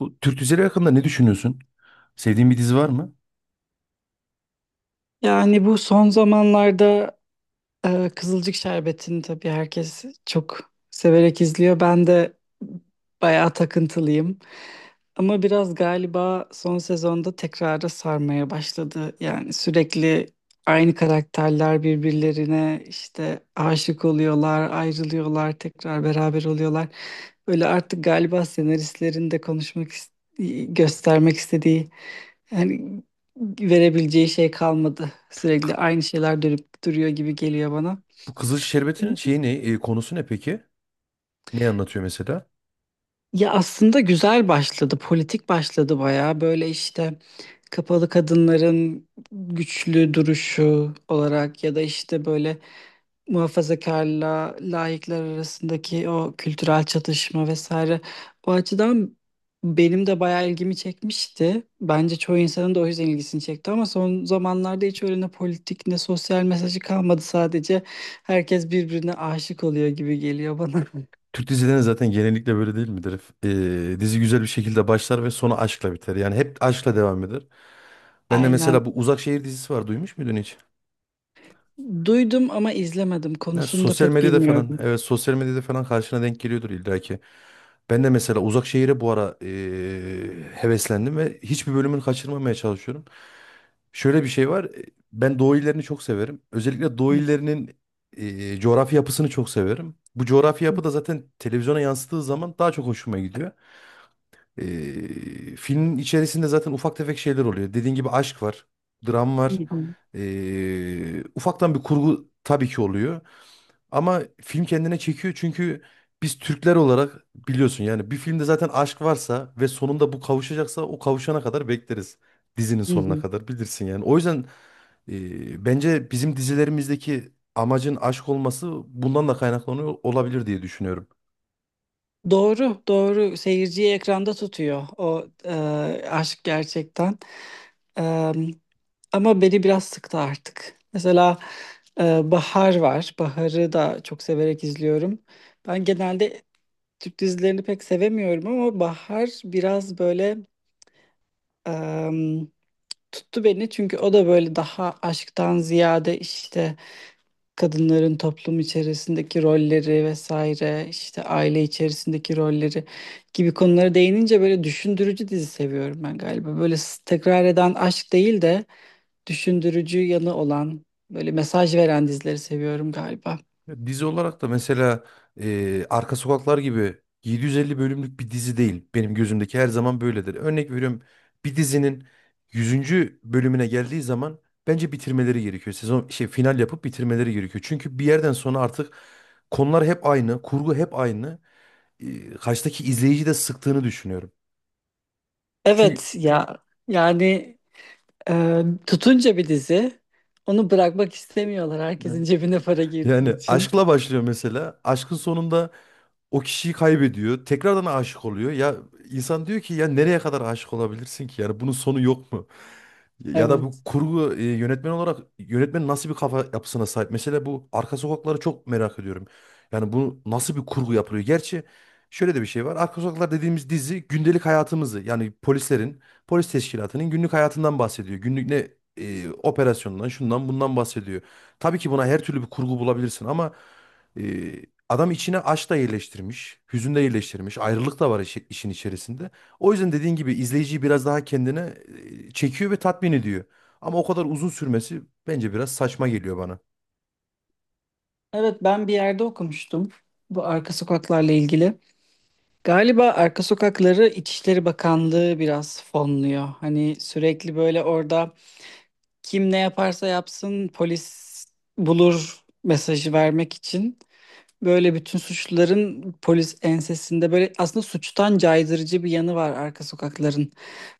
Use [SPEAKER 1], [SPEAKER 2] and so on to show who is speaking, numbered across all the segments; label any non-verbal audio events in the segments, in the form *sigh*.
[SPEAKER 1] Bu Türk dizileri hakkında ne düşünüyorsun? Sevdiğin bir dizi var mı?
[SPEAKER 2] Yani bu son zamanlarda Kızılcık Şerbeti'ni tabii herkes çok severek izliyor. Ben de bayağı takıntılıyım. Ama biraz galiba son sezonda tekrara sarmaya başladı. Yani sürekli aynı karakterler birbirlerine işte aşık oluyorlar, ayrılıyorlar, tekrar beraber oluyorlar. Böyle artık galiba senaristlerin de konuşmak, göstermek istediği yani verebileceği şey kalmadı. Sürekli
[SPEAKER 1] K-
[SPEAKER 2] aynı şeyler dönüp duruyor gibi geliyor bana.
[SPEAKER 1] Bu Kızıl Şerbeti'nin şeyi ne? Konusu ne peki? Ne anlatıyor mesela?
[SPEAKER 2] Ya aslında güzel başladı, politik başladı bayağı. Böyle işte kapalı kadınların güçlü duruşu olarak ya da işte böyle muhafazakarla laikler arasındaki o kültürel çatışma vesaire. O açıdan benim de bayağı ilgimi çekmişti. Bence çoğu insanın da o yüzden ilgisini çekti ama son zamanlarda hiç öyle ne politik ne sosyal mesajı kalmadı. Sadece herkes birbirine aşık oluyor gibi geliyor bana.
[SPEAKER 1] Türk dizilerinin zaten genellikle böyle değil midir? E, dizi güzel bir şekilde başlar ve sonu aşkla biter. Yani hep aşkla devam eder.
[SPEAKER 2] *laughs*
[SPEAKER 1] Ben de mesela
[SPEAKER 2] Aynen.
[SPEAKER 1] bu Uzak Şehir dizisi var. Duymuş muydun hiç?
[SPEAKER 2] Duydum ama izlemedim.
[SPEAKER 1] Ya
[SPEAKER 2] Konusunu da
[SPEAKER 1] sosyal
[SPEAKER 2] pek
[SPEAKER 1] medyada falan,
[SPEAKER 2] bilmiyorum.
[SPEAKER 1] evet, sosyal medyada falan karşına denk geliyordur illaki. Ben de mesela uzak şehire bu ara heveslendim ve hiçbir bölümünü kaçırmamaya çalışıyorum. Şöyle bir şey var. Ben doğu illerini çok severim. Özellikle doğu
[SPEAKER 2] Hı
[SPEAKER 1] illerinin coğrafi yapısını çok severim. Bu coğrafi
[SPEAKER 2] hı,
[SPEAKER 1] yapı da zaten televizyona yansıttığı zaman daha çok hoşuma gidiyor. Filmin içerisinde zaten ufak tefek şeyler oluyor. Dediğin gibi aşk var, dram
[SPEAKER 2] hı
[SPEAKER 1] var.
[SPEAKER 2] hı,
[SPEAKER 1] Ufaktan bir kurgu tabii ki oluyor. Ama film kendine çekiyor çünkü biz Türkler olarak biliyorsun yani bir filmde zaten aşk varsa ve sonunda bu kavuşacaksa o kavuşana kadar bekleriz. Dizinin
[SPEAKER 2] hı
[SPEAKER 1] sonuna
[SPEAKER 2] hı.
[SPEAKER 1] kadar bilirsin yani. O yüzden bence bizim dizilerimizdeki amacın aşk olması bundan da kaynaklanıyor olabilir diye düşünüyorum.
[SPEAKER 2] Doğru, doğru. Seyirciyi ekranda tutuyor o aşk gerçekten. E, ama beni biraz sıktı artık. Mesela Bahar var. Bahar'ı da çok severek izliyorum. Ben genelde Türk dizilerini pek sevemiyorum ama Bahar biraz böyle e, tuttu beni. Çünkü o da böyle daha aşktan ziyade işte kadınların toplum içerisindeki rolleri vesaire işte aile içerisindeki rolleri gibi konulara değinince böyle düşündürücü dizi seviyorum ben galiba. Böyle tekrar eden aşk değil de düşündürücü yanı olan böyle mesaj veren dizileri seviyorum galiba.
[SPEAKER 1] Ya dizi olarak da mesela Arka Sokaklar gibi 750 bölümlük bir dizi değil. Benim gözümdeki her zaman böyledir. Örnek veriyorum, bir dizinin yüzüncü bölümüne geldiği zaman bence bitirmeleri gerekiyor. Sezon şey final yapıp bitirmeleri gerekiyor. Çünkü bir yerden sonra artık konular hep aynı, kurgu hep aynı. E, karşıdaki izleyici de sıktığını düşünüyorum. Çünkü
[SPEAKER 2] Evet ya yani tutunca bir dizi onu bırakmak istemiyorlar herkesin cebine para girdiği
[SPEAKER 1] yani
[SPEAKER 2] için.
[SPEAKER 1] aşkla başlıyor mesela. Aşkın sonunda o kişiyi kaybediyor. Tekrardan aşık oluyor. Ya insan diyor ki ya nereye kadar aşık olabilirsin ki? Yani bunun sonu yok mu? Ya da bu
[SPEAKER 2] Evet.
[SPEAKER 1] kurgu, yönetmen olarak yönetmen nasıl bir kafa yapısına sahip? Mesela bu arka sokakları çok merak ediyorum. Yani bu nasıl bir kurgu yapılıyor? Gerçi şöyle de bir şey var. Arka sokaklar dediğimiz dizi gündelik hayatımızı, yani polislerin, polis teşkilatının günlük hayatından bahsediyor. Günlük ne operasyondan, şundan bundan bahsediyor. Tabii ki buna her türlü bir kurgu bulabilirsin ama e, adam içine aşk da yerleştirmiş, hüzün de yerleştirmiş, ayrılık da var işin içerisinde. O yüzden dediğin gibi izleyiciyi biraz daha kendine çekiyor ve tatmin ediyor. Ama o kadar uzun sürmesi bence biraz saçma geliyor bana.
[SPEAKER 2] Evet, ben bir yerde okumuştum bu arka sokaklarla ilgili. Galiba arka sokakları İçişleri Bakanlığı biraz fonluyor. Hani sürekli böyle orada kim ne yaparsa yapsın polis bulur mesajı vermek için. Böyle bütün suçluların polis ensesinde böyle aslında suçtan caydırıcı bir yanı var arka sokakların.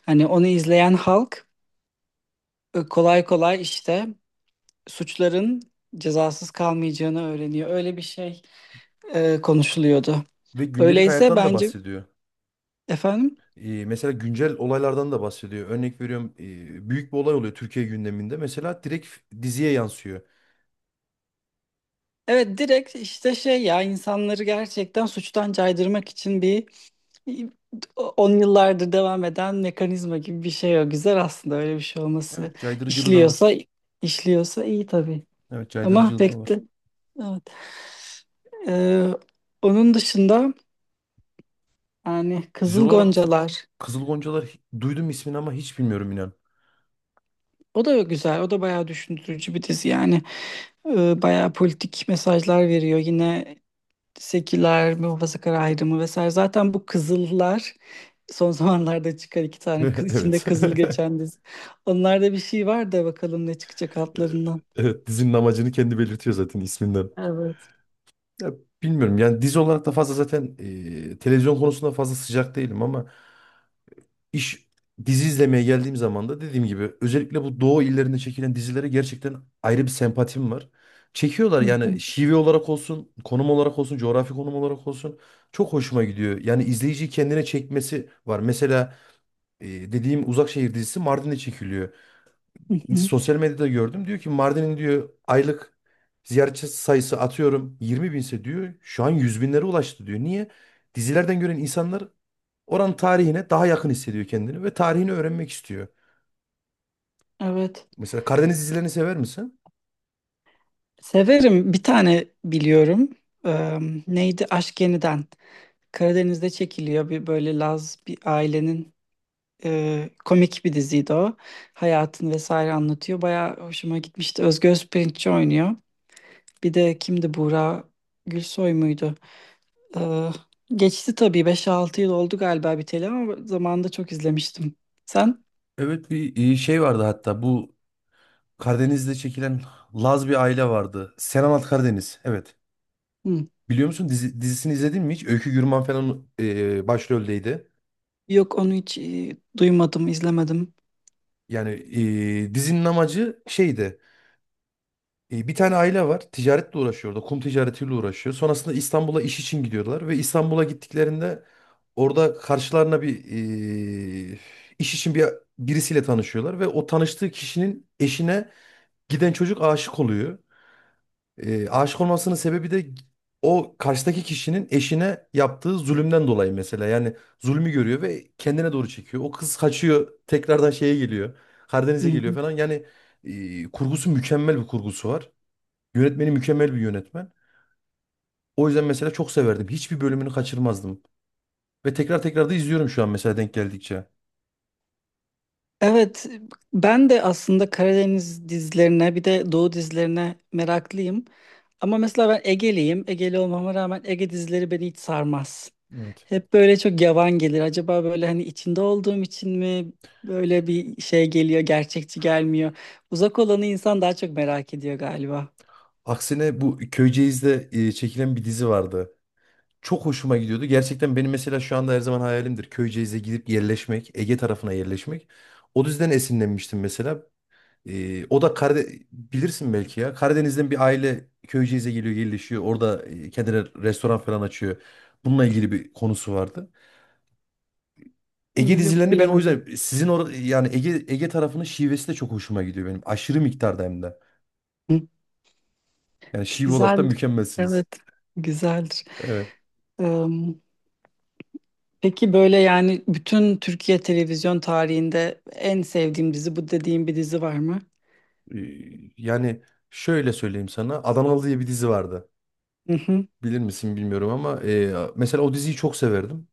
[SPEAKER 2] Hani onu izleyen halk kolay kolay işte suçların cezasız kalmayacağını öğreniyor. Öyle bir şey konuşuluyordu.
[SPEAKER 1] Ve gündelik
[SPEAKER 2] Öyleyse
[SPEAKER 1] hayattan da
[SPEAKER 2] bence
[SPEAKER 1] bahsediyor.
[SPEAKER 2] efendim
[SPEAKER 1] E, mesela güncel olaylardan da bahsediyor. Örnek veriyorum, büyük bir olay oluyor Türkiye gündeminde. Mesela direkt diziye yansıyor.
[SPEAKER 2] evet direkt işte şey ya insanları gerçekten suçtan caydırmak için bir on yıllardır devam eden mekanizma gibi bir şey o. Güzel aslında öyle bir şey olması.
[SPEAKER 1] Evet, caydırıcılığı da var.
[SPEAKER 2] İşliyorsa işliyorsa iyi tabii.
[SPEAKER 1] Evet, caydırıcılığı da var.
[SPEAKER 2] Mahvetti. Evet. Ee, onun dışında yani
[SPEAKER 1] Dizi
[SPEAKER 2] Kızıl
[SPEAKER 1] olarak
[SPEAKER 2] Goncalar.
[SPEAKER 1] Kızıl Goncalar, duydum ismini ama hiç bilmiyorum inan.
[SPEAKER 2] O da güzel. O da bayağı düşündürücü bir dizi yani. Bayağı politik mesajlar veriyor. Yine seküler, muhafazakar ayrımı vesaire. Zaten bu Kızıllar son *laughs* zamanlarda çıkan iki tane
[SPEAKER 1] *laughs*
[SPEAKER 2] kız, içinde
[SPEAKER 1] Evet.
[SPEAKER 2] kızıl
[SPEAKER 1] *laughs*
[SPEAKER 2] geçen dizi. Onlarda bir şey var da bakalım ne çıkacak altlarından.
[SPEAKER 1] Evet, dizinin amacını kendi belirtiyor zaten isminden.
[SPEAKER 2] Evet.
[SPEAKER 1] Ya, bilmiyorum yani dizi olarak da fazla zaten televizyon konusunda fazla sıcak değilim ama iş dizi izlemeye geldiğim zaman da dediğim gibi özellikle bu doğu illerinde çekilen dizilere gerçekten ayrı bir sempatim var. Çekiyorlar
[SPEAKER 2] Hı
[SPEAKER 1] yani
[SPEAKER 2] hı.
[SPEAKER 1] şive olarak olsun, konum olarak olsun, coğrafi konum olarak olsun çok hoşuma gidiyor. Yani izleyiciyi kendine çekmesi var. Mesela dediğim Uzak Şehir dizisi Mardin'de çekiliyor.
[SPEAKER 2] Hı hı.
[SPEAKER 1] Sosyal medyada gördüm. Diyor ki Mardin'in diyor aylık ziyaretçi sayısı atıyorum 20 binse diyor. Şu an 100 binlere ulaştı diyor. Niye? Dizilerden gören insanlar oranın tarihine daha yakın hissediyor kendini ve tarihini öğrenmek istiyor.
[SPEAKER 2] Evet.
[SPEAKER 1] Mesela Karadeniz dizilerini sever misin?
[SPEAKER 2] Severim. Bir tane biliyorum. Ee, neydi? Aşk Yeniden. Karadeniz'de çekiliyor bir böyle Laz bir ailenin komik bir diziydi o. Hayatını vesaire anlatıyor. Bayağı hoşuma gitmişti. Özge Özpirinççi oynuyor. Bir de kimdi Buğra Gülsoy muydu? E, geçti tabii beş altı yıl oldu galiba biteli ama zamanında çok izlemiştim. Sen?
[SPEAKER 1] Evet, bir şey vardı hatta bu Karadeniz'de çekilen Laz bir aile vardı. Sen Anlat Karadeniz. Evet.
[SPEAKER 2] Hı.
[SPEAKER 1] Biliyor musun dizisini izledin mi hiç? Öykü Gürman falan başroldeydi.
[SPEAKER 2] Yok, onu hiç duymadım, izlemedim.
[SPEAKER 1] Yani dizinin amacı şeydi. Bir tane aile var. Ticaretle uğraşıyor orada. Kum ticaretiyle uğraşıyor. Sonrasında İstanbul'a iş için gidiyorlar. Ve İstanbul'a gittiklerinde orada karşılarına bir, e, iş için birisiyle tanışıyorlar. Ve o tanıştığı kişinin eşine giden çocuk aşık oluyor. E, aşık olmasının sebebi de o karşıdaki kişinin eşine yaptığı zulümden dolayı mesela. Yani zulmü görüyor ve kendine doğru çekiyor. O kız kaçıyor, tekrardan şeye geliyor. Karadeniz'e geliyor
[SPEAKER 2] Hı.
[SPEAKER 1] falan. Yani kurgusu mükemmel bir kurgusu var. Yönetmeni mükemmel bir yönetmen. O yüzden mesela çok severdim. Hiçbir bölümünü kaçırmazdım. Ve tekrar tekrar da izliyorum şu an mesela denk geldikçe.
[SPEAKER 2] Evet, ben de aslında Karadeniz dizilerine bir de Doğu dizilerine meraklıyım. Ama mesela ben Ege'liyim. Ege'li olmama rağmen Ege dizileri beni hiç sarmaz.
[SPEAKER 1] Evet.
[SPEAKER 2] Hep böyle çok yavan gelir. Acaba böyle hani içinde olduğum için mi böyle bir şey geliyor, gerçekçi gelmiyor. Uzak olanı insan daha çok merak ediyor galiba.
[SPEAKER 1] Aksine bu Köyceğiz'de çekilen bir dizi vardı. Çok hoşuma gidiyordu. Gerçekten benim mesela şu anda her zaman hayalimdir. Köyceğiz'e gidip yerleşmek, Ege tarafına yerleşmek. O yüzden esinlenmiştim mesela. O da Karade bilirsin belki ya. Karadeniz'den bir aile Köyceğiz'e geliyor, yerleşiyor. Orada kendine restoran falan açıyor. Bununla ilgili bir konusu vardı. Ege
[SPEAKER 2] Hmm, yok
[SPEAKER 1] dizilerini ben o
[SPEAKER 2] bilemedim.
[SPEAKER 1] yüzden sizin yani Ege tarafının şivesi de çok hoşuma gidiyor benim. Aşırı miktarda hem de.
[SPEAKER 2] Hı.
[SPEAKER 1] Yani şive olarak da
[SPEAKER 2] Güzel.
[SPEAKER 1] mükemmelsiniz.
[SPEAKER 2] Evet, güzeldir.
[SPEAKER 1] Evet.
[SPEAKER 2] Peki böyle yani bütün Türkiye televizyon tarihinde en sevdiğim dizi bu dediğim bir dizi var mı?
[SPEAKER 1] Ee, Yani şöyle söyleyeyim sana. Adanalı diye bir dizi vardı.
[SPEAKER 2] Hı hı.
[SPEAKER 1] Bilir misin bilmiyorum ama mesela o diziyi çok severdim.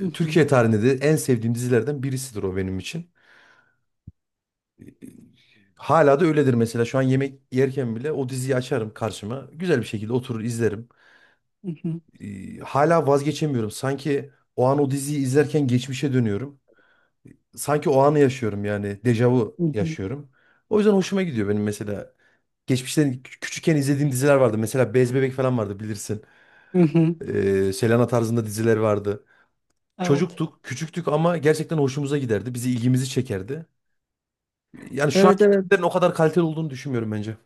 [SPEAKER 2] Hı hı.
[SPEAKER 1] Türkiye tarihinde de en sevdiğim dizilerden birisidir o benim için. E, e, Hala da öyledir mesela. Şu an yemek yerken bile o diziyi açarım karşıma. Güzel bir şekilde oturur izlerim.
[SPEAKER 2] Hı hı.
[SPEAKER 1] Hala vazgeçemiyorum. Sanki o an o diziyi izlerken geçmişe dönüyorum. Sanki o anı yaşıyorum yani. Dejavu
[SPEAKER 2] Hı hı.
[SPEAKER 1] yaşıyorum. O yüzden hoşuma gidiyor benim mesela. Geçmişten küçükken izlediğim diziler vardı. Mesela Bez Bebek falan vardı bilirsin.
[SPEAKER 2] Hı hı.
[SPEAKER 1] Selena tarzında diziler vardı.
[SPEAKER 2] Evet.
[SPEAKER 1] Çocuktuk, küçüktük ama gerçekten hoşumuza giderdi. Bizi ilgimizi çekerdi. Yani şu
[SPEAKER 2] Evet,
[SPEAKER 1] anki
[SPEAKER 2] evet.
[SPEAKER 1] filmlerin o kadar kaliteli olduğunu düşünmüyorum bence.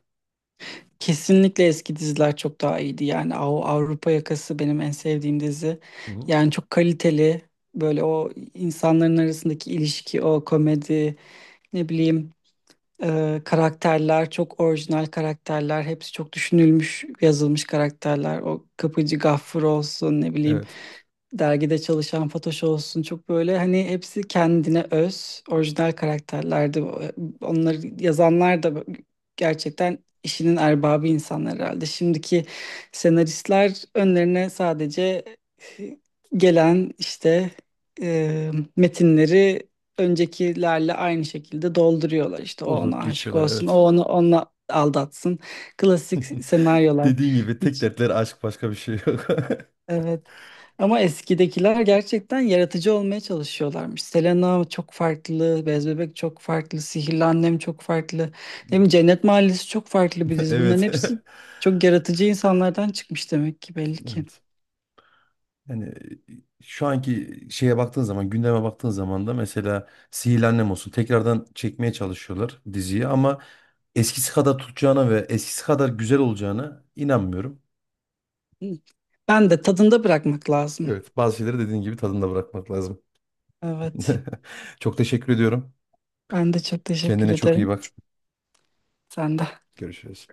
[SPEAKER 2] Kesinlikle eski diziler çok daha iyiydi. Yani Avrupa Yakası benim en sevdiğim dizi.
[SPEAKER 1] Hı hı.
[SPEAKER 2] Yani çok kaliteli. Böyle o insanların arasındaki ilişki, o komedi, ne bileyim karakterler çok orijinal karakterler. Hepsi çok düşünülmüş, yazılmış karakterler. O Kapıcı Gaffur olsun, ne bileyim,
[SPEAKER 1] Evet.
[SPEAKER 2] dergide çalışan Fatoş olsun, çok böyle hani hepsi kendine öz orijinal karakterlerdi. Onları yazanlar da gerçekten işinin erbabı insanlar herhalde. Şimdiki senaristler önlerine sadece gelen işte e, metinleri öncekilerle aynı şekilde dolduruyorlar. İşte o ona
[SPEAKER 1] Doldurup
[SPEAKER 2] aşık
[SPEAKER 1] geçiyorlar,
[SPEAKER 2] olsun, o
[SPEAKER 1] evet.
[SPEAKER 2] onu onunla aldatsın. Klasik
[SPEAKER 1] *laughs*
[SPEAKER 2] senaryolar.
[SPEAKER 1] Dediğin gibi tek
[SPEAKER 2] Hiç.
[SPEAKER 1] dertleri aşk, başka bir şey yok. *laughs*
[SPEAKER 2] Evet. Ama eskidekiler gerçekten yaratıcı olmaya çalışıyorlarmış. Selena çok farklı, Bez Bebek çok farklı, Sihirli Annem çok farklı. Ne bileyim Cennet Mahallesi çok farklı bir dizi. Bunların
[SPEAKER 1] Evet.
[SPEAKER 2] hepsi
[SPEAKER 1] *laughs*
[SPEAKER 2] çok yaratıcı insanlardan çıkmış demek ki, belli ki.
[SPEAKER 1] Evet. Yani şu anki şeye baktığın zaman, gündeme baktığın zaman da mesela Sihirli Annem olsun, tekrardan çekmeye çalışıyorlar diziyi ama eskisi kadar tutacağına ve eskisi kadar güzel olacağına inanmıyorum.
[SPEAKER 2] Ben de tadında bırakmak lazım.
[SPEAKER 1] Evet, bazı şeyleri dediğin gibi tadında bırakmak lazım.
[SPEAKER 2] Evet.
[SPEAKER 1] *laughs* Çok teşekkür ediyorum.
[SPEAKER 2] Ben de çok teşekkür
[SPEAKER 1] Kendine çok iyi
[SPEAKER 2] ederim.
[SPEAKER 1] bak.
[SPEAKER 2] Sen de.
[SPEAKER 1] Görüşürüz.